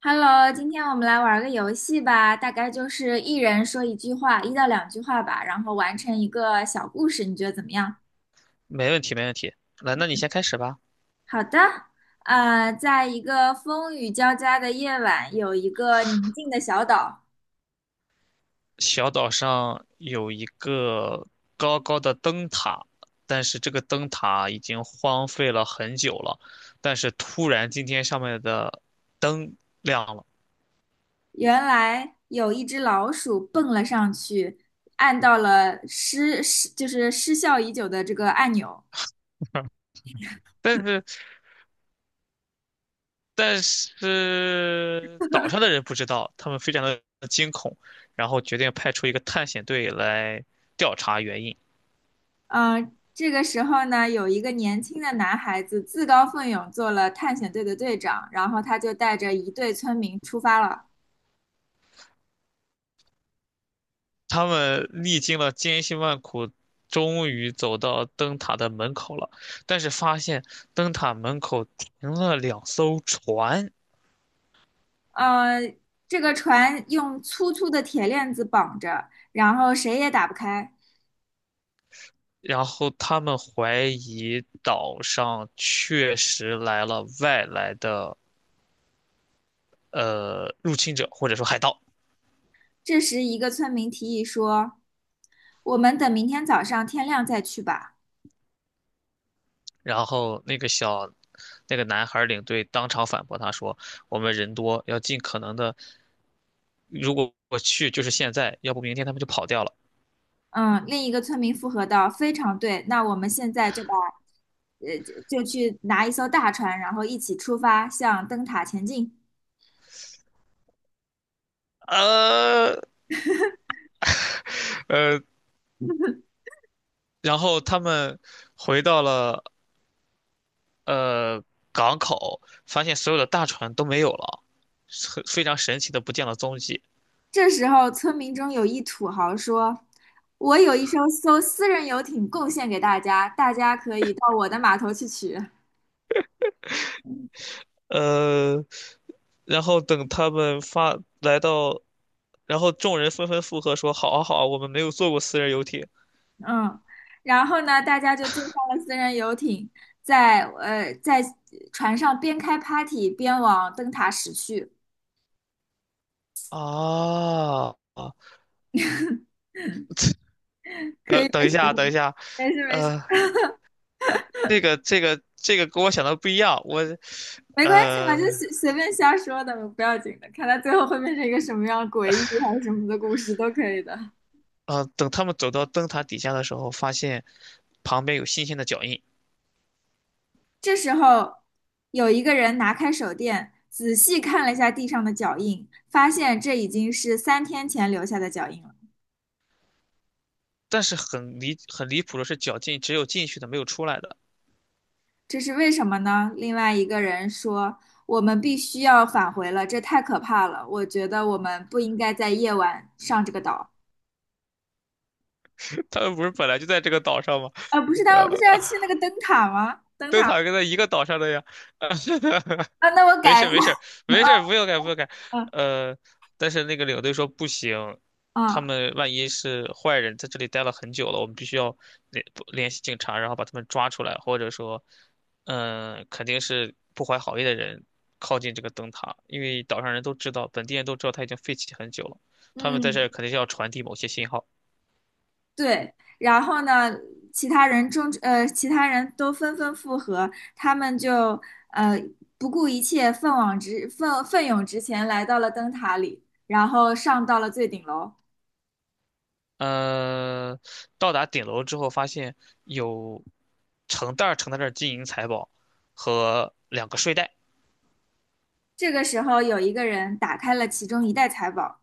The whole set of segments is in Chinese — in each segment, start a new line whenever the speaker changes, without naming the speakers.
Hello，今天我们来玩个游戏吧，大概就是一人说一句话，一到两句话吧，然后完成一个小故事，你觉得怎么样？
没问题，没问题。来，那你先开始吧。
好的，在一个风雨交加的夜晚，有一个宁静的小岛，
小岛上有一个高高的灯塔，但是这个灯塔已经荒废了很久了。但是突然今天上面的灯亮了，
原来有一只老鼠蹦了上去，按到了就是失效已久的这个按钮，
但是但是岛上的人不知道，他们非常的惊恐，然后决定派出一个探险队来调查原因。
嗯，这个时候呢，有一个年轻的男孩子自告奋勇做了探险队的队长，然后他就带着一队村民出发了。
他们历经了千辛万苦，终于走到灯塔的门口了，但是发现灯塔门口停了两艘船，
呃，这个船用粗粗的铁链子绑着，然后谁也打不开。
然后他们怀疑岛上确实来了外来的入侵者或者说海盗，
这时，一个村民提议说：“我们等明天早上天亮再去吧。”
然后那个小。那个男孩领队当场反驳他说：“我们人多，要尽可能的，如果我去就是现在，要不明天他们就跑掉了。”
嗯，另一个村民附和道：“非常对，那我们现在呃，就去拿一艘大船，然后一起出发，向灯塔前进。”
呃呃，然后他们回到了呃港口，发现所有的大船都没有了，很非常神奇的不见了踪迹。
这时候，村民中有一土豪说：“我有一艘私人游艇贡献给大家，大家可以到我的码头去取。”
呃，然后等他们发来到，然后众人纷纷附和说：“好啊，好啊，我们没有坐过私人游艇
嗯，然后呢，大家就坐上了私人游艇，在船上边开 party 边往灯塔驶去。
啊。”
可
呃
以，
等一下，等一下，
没事没事，
呃，这个跟我想的不一样，我，
没关系嘛，就
呃
随便瞎说的，不要紧的。看他最后会变成一个什么样诡异还是什么的故事都可以的。
等他们走到灯塔底下的时候，发现旁边有新鲜的脚印，
这时候，有一个人拿开手电，仔细看了一下地上的脚印，发现这已经是三天前留下的脚印了。
但是很离谱的是，脚进只有进去的，没有出来的。
这是为什么呢？另外一个人说：“我们必须要返回了，这太可怕了。我觉得我们不应该在夜晚上这个岛。”
他们不是本来就在这个岛上吗？
啊，不是，他们不是要
呃，
去那个灯塔吗？灯
灯
塔。
塔跟在一个岛上的呀。
啊，那我
没
改
事
一
儿没事
下。
儿没事儿，不用改不用改。
嗯
呃，但是那个领队说不行，他
嗯
们万一是坏人，在这里待了很久了，我们必须要联不联系警察，然后把他们抓出来，或者说，嗯、肯定是不怀好意的人靠近这个灯塔，因为岛上人都知道，本地人都知道它已经废弃很久了，他们在这
嗯。
儿肯定是要传递某些信号。
对，然后呢，其他人都纷纷附和，他们就呃不顾一切，奋勇直前，来到了灯塔里，然后上到了最顶楼。
呃，到达顶楼之后，发现有成袋儿成袋儿的金银财宝和两个睡袋。
这个时候，有一个人打开了其中一袋财宝，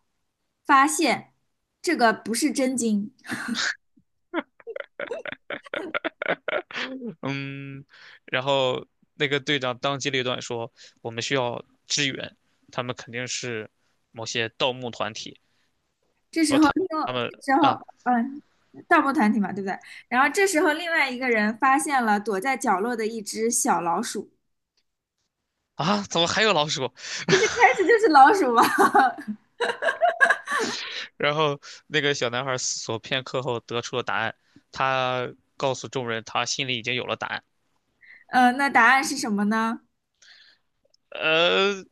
发现这个不是真金。
嗯，然后那个队长当机立断说，我们需要支援，他们肯定是某些盗墓团体，
这时
不，
候
他
另，
他们
这时候
啊
嗯，盗墓团体嘛，对不对？然后这时候，另外一个人发现了躲在角落的一只小老鼠，
啊，怎么还有老鼠？
但是就是老鼠嘛。
然后那个小男孩思索片刻后得出了答案，他告诉众人，他心里已经有了答案。
那答案是什么呢？
呃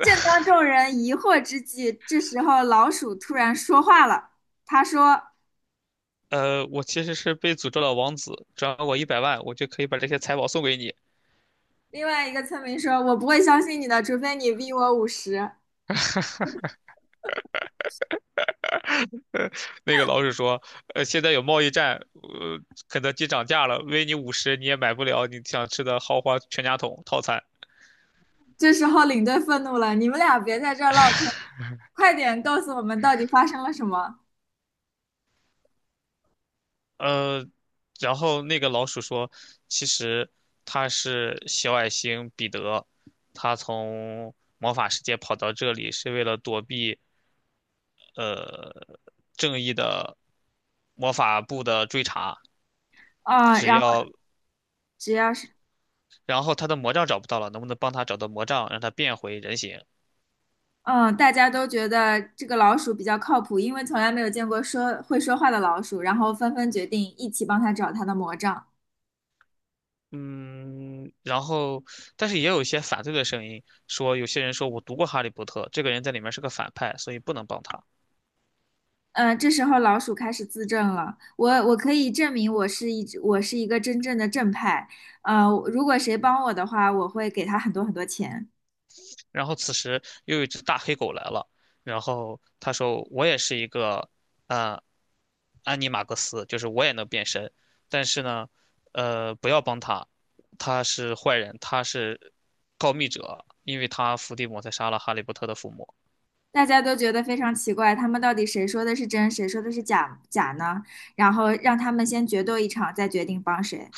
正当众人疑惑之际，这时候老鼠突然说话了。他说：
我其实是被诅咒的王子，只转我一百万，我就可以把这些财宝送给你。
“另外一个村民说，我不会相信你的，除非你逼我50。”
那个老鼠说，现在有贸易战，呃，肯德基涨价了，微你五十你也买不了你想吃的豪华全家桶套餐。
这时候领队愤怒了：“你们俩别在这儿唠嗑，快点告诉我们到底发生了什么。”
呃，然后那个老鼠说，其实他是小矮星彼得，他从魔法世界跑到这里是为了躲避呃正义的魔法部的追查，
啊，
只
然后
要
只要是
然后他的魔杖找不到了，能不能帮他找到魔杖，让他变回人形？
嗯，大家都觉得这个老鼠比较靠谱，因为从来没有见过说会说话的老鼠，然后纷纷决定一起帮他找他的魔杖。
嗯，但是也有一些反对的声音，说有些人说我读过《哈利波特》，这个人在里面是个反派，所以不能帮他。
嗯，这时候老鼠开始自证了。我可以证明我是一个真正的正派。呃，如果谁帮我的话，我会给他很多很多钱。
然后此时又有一只大黑狗来了，然后他说我也是一个，呃，安妮马克斯，就是我也能变身，但是呢，不要帮他，他是坏人，他是告密者，因为他伏地魔才杀了哈利波特的父母。
大家都觉得非常奇怪，他们到底谁说的是真，谁说的是假呢？然后让他们先决斗一场，再决定帮谁。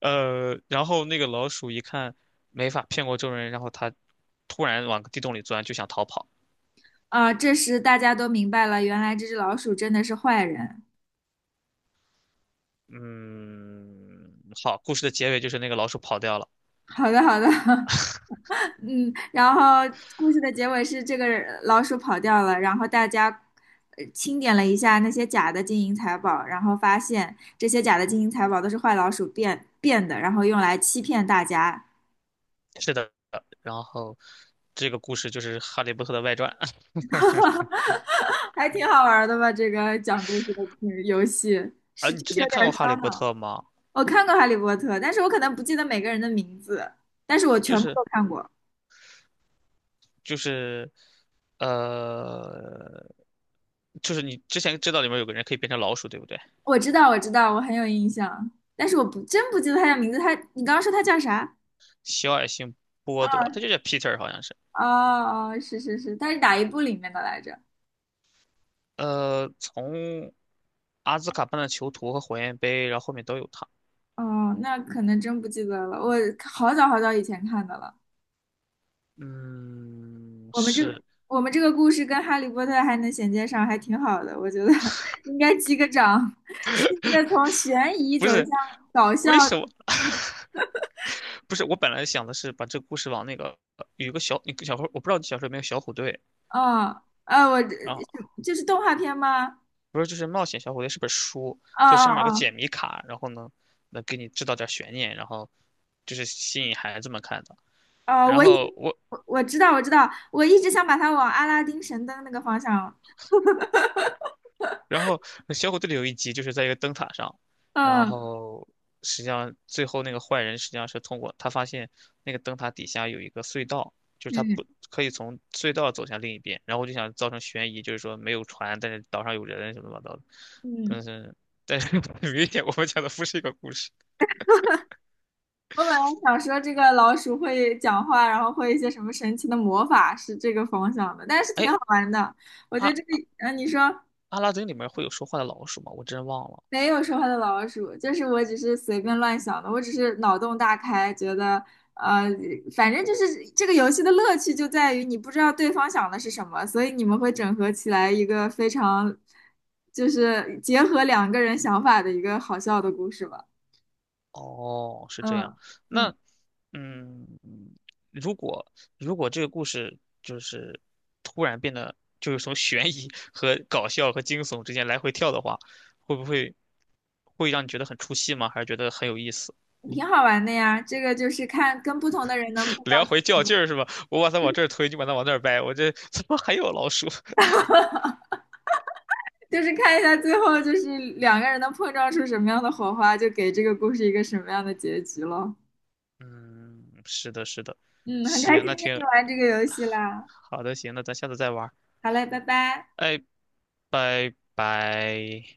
然后那个老鼠一看没法骗过众人，然后它突然往地洞里钻，就想逃跑。
这时大家都明白了，原来这只老鼠真的是坏人。
嗯，好，故事的结尾就是那个老鼠跑掉了。
好的，好的，嗯，然后故事的结尾是这个老鼠跑掉了，然后大家清点了一下那些假的金银财宝，然后发现这些假的金银财宝都是坏老鼠变的，然后用来欺骗大家，
是的，然后这个故事就是《哈利波特》的外传。
还挺好玩儿的吧？这个讲故事的嗯游戏
啊，
是
你
就
之
是有
前看
点
过《哈利
烧
波
脑。
特》吗？
我看过《哈利波特》，但是我可能不记得每个人的名字，但是我
就
全部
是
都看过。
就是，呃，就是你之前知道里面有个人可以变成老鼠，对不对？
我知道，我知道，我很有印象，但是我不真不记得他叫名字。他，你刚刚说他叫啥？
小矮星波德，他就叫 Peter，好像是。
哦哦，是是是，它是哪一部里面的来着？
从阿兹卡班的囚徒和火焰杯，然后后面都有他。
哦，那可能真不记得了，我好早好早以前看的了。
嗯，
我们这
是
我们这个故事跟《哈利波特》还能衔接上，还挺好的，我觉得 应该击个掌。是一个从悬疑
不
走
是？
向搞
为
笑的
什么？
走向，
不是，我本来想的是把这个故事往那个有一个小，一个小伙，我不知道你小时候有没有小虎队，
嗯，呃，我这
然后
这是动画片吗？
不是就是冒险小虎队是本书，
哦
就上面有个解
哦
谜卡，然后呢能给你制造点悬念，然后就是吸引孩子们看的。
哦，哦，
然后我
我知道我知道，我一直想把它往阿拉丁神灯那个方向，
然后小虎队里有一集就是在一个灯塔上，然
嗯
后实际上最后那个坏人实际上是通过他发现那个灯塔底下有一个隧道，就是他
嗯
不可以从隧道走向另一边，然后我就想造成悬疑，就是说没有船，但是岛上有人什么乱七八糟的，
嗯。
但是但是 很明显我们讲的不是一个故事。
我本来想说这个老鼠会讲话，然后会一些什么神奇的魔法，是这个方向的，但是挺
哎，
好玩的。我觉得这个，
阿
你说
阿拉丁里面会有说话的老鼠吗？我真忘了。
没有说话的老鼠，就是我只是随便乱想的，我只是脑洞大开，觉得，呃，反正就是这个游戏的乐趣就在于你不知道对方想的是什么，所以你们会整合起来一个非常，就是结合两个人想法的一个好笑的故事吧。
哦，是这样。
嗯。嗯，
那，嗯，如果如果这个故事就是突然变得就是从悬疑 和搞笑和惊悚之间来回跳的话，会不会会让你觉得很出戏吗？还是觉得很有意思？
挺好玩的呀，这个就是看跟不同的人能碰
来
到。
回较劲儿是吧？我把它往这儿推，你把它往那儿掰，我这 怎么还有老鼠？
就是看一下最后就是两个人能碰撞出什么样的火花，就给这个故事一个什么样的结局咯。
嗯，是的，是的。
嗯，很开
行，
心
那
跟你
挺
玩这个游戏啦。
好的，行，那咱下次再玩儿。
好嘞，拜拜。
哎，拜拜。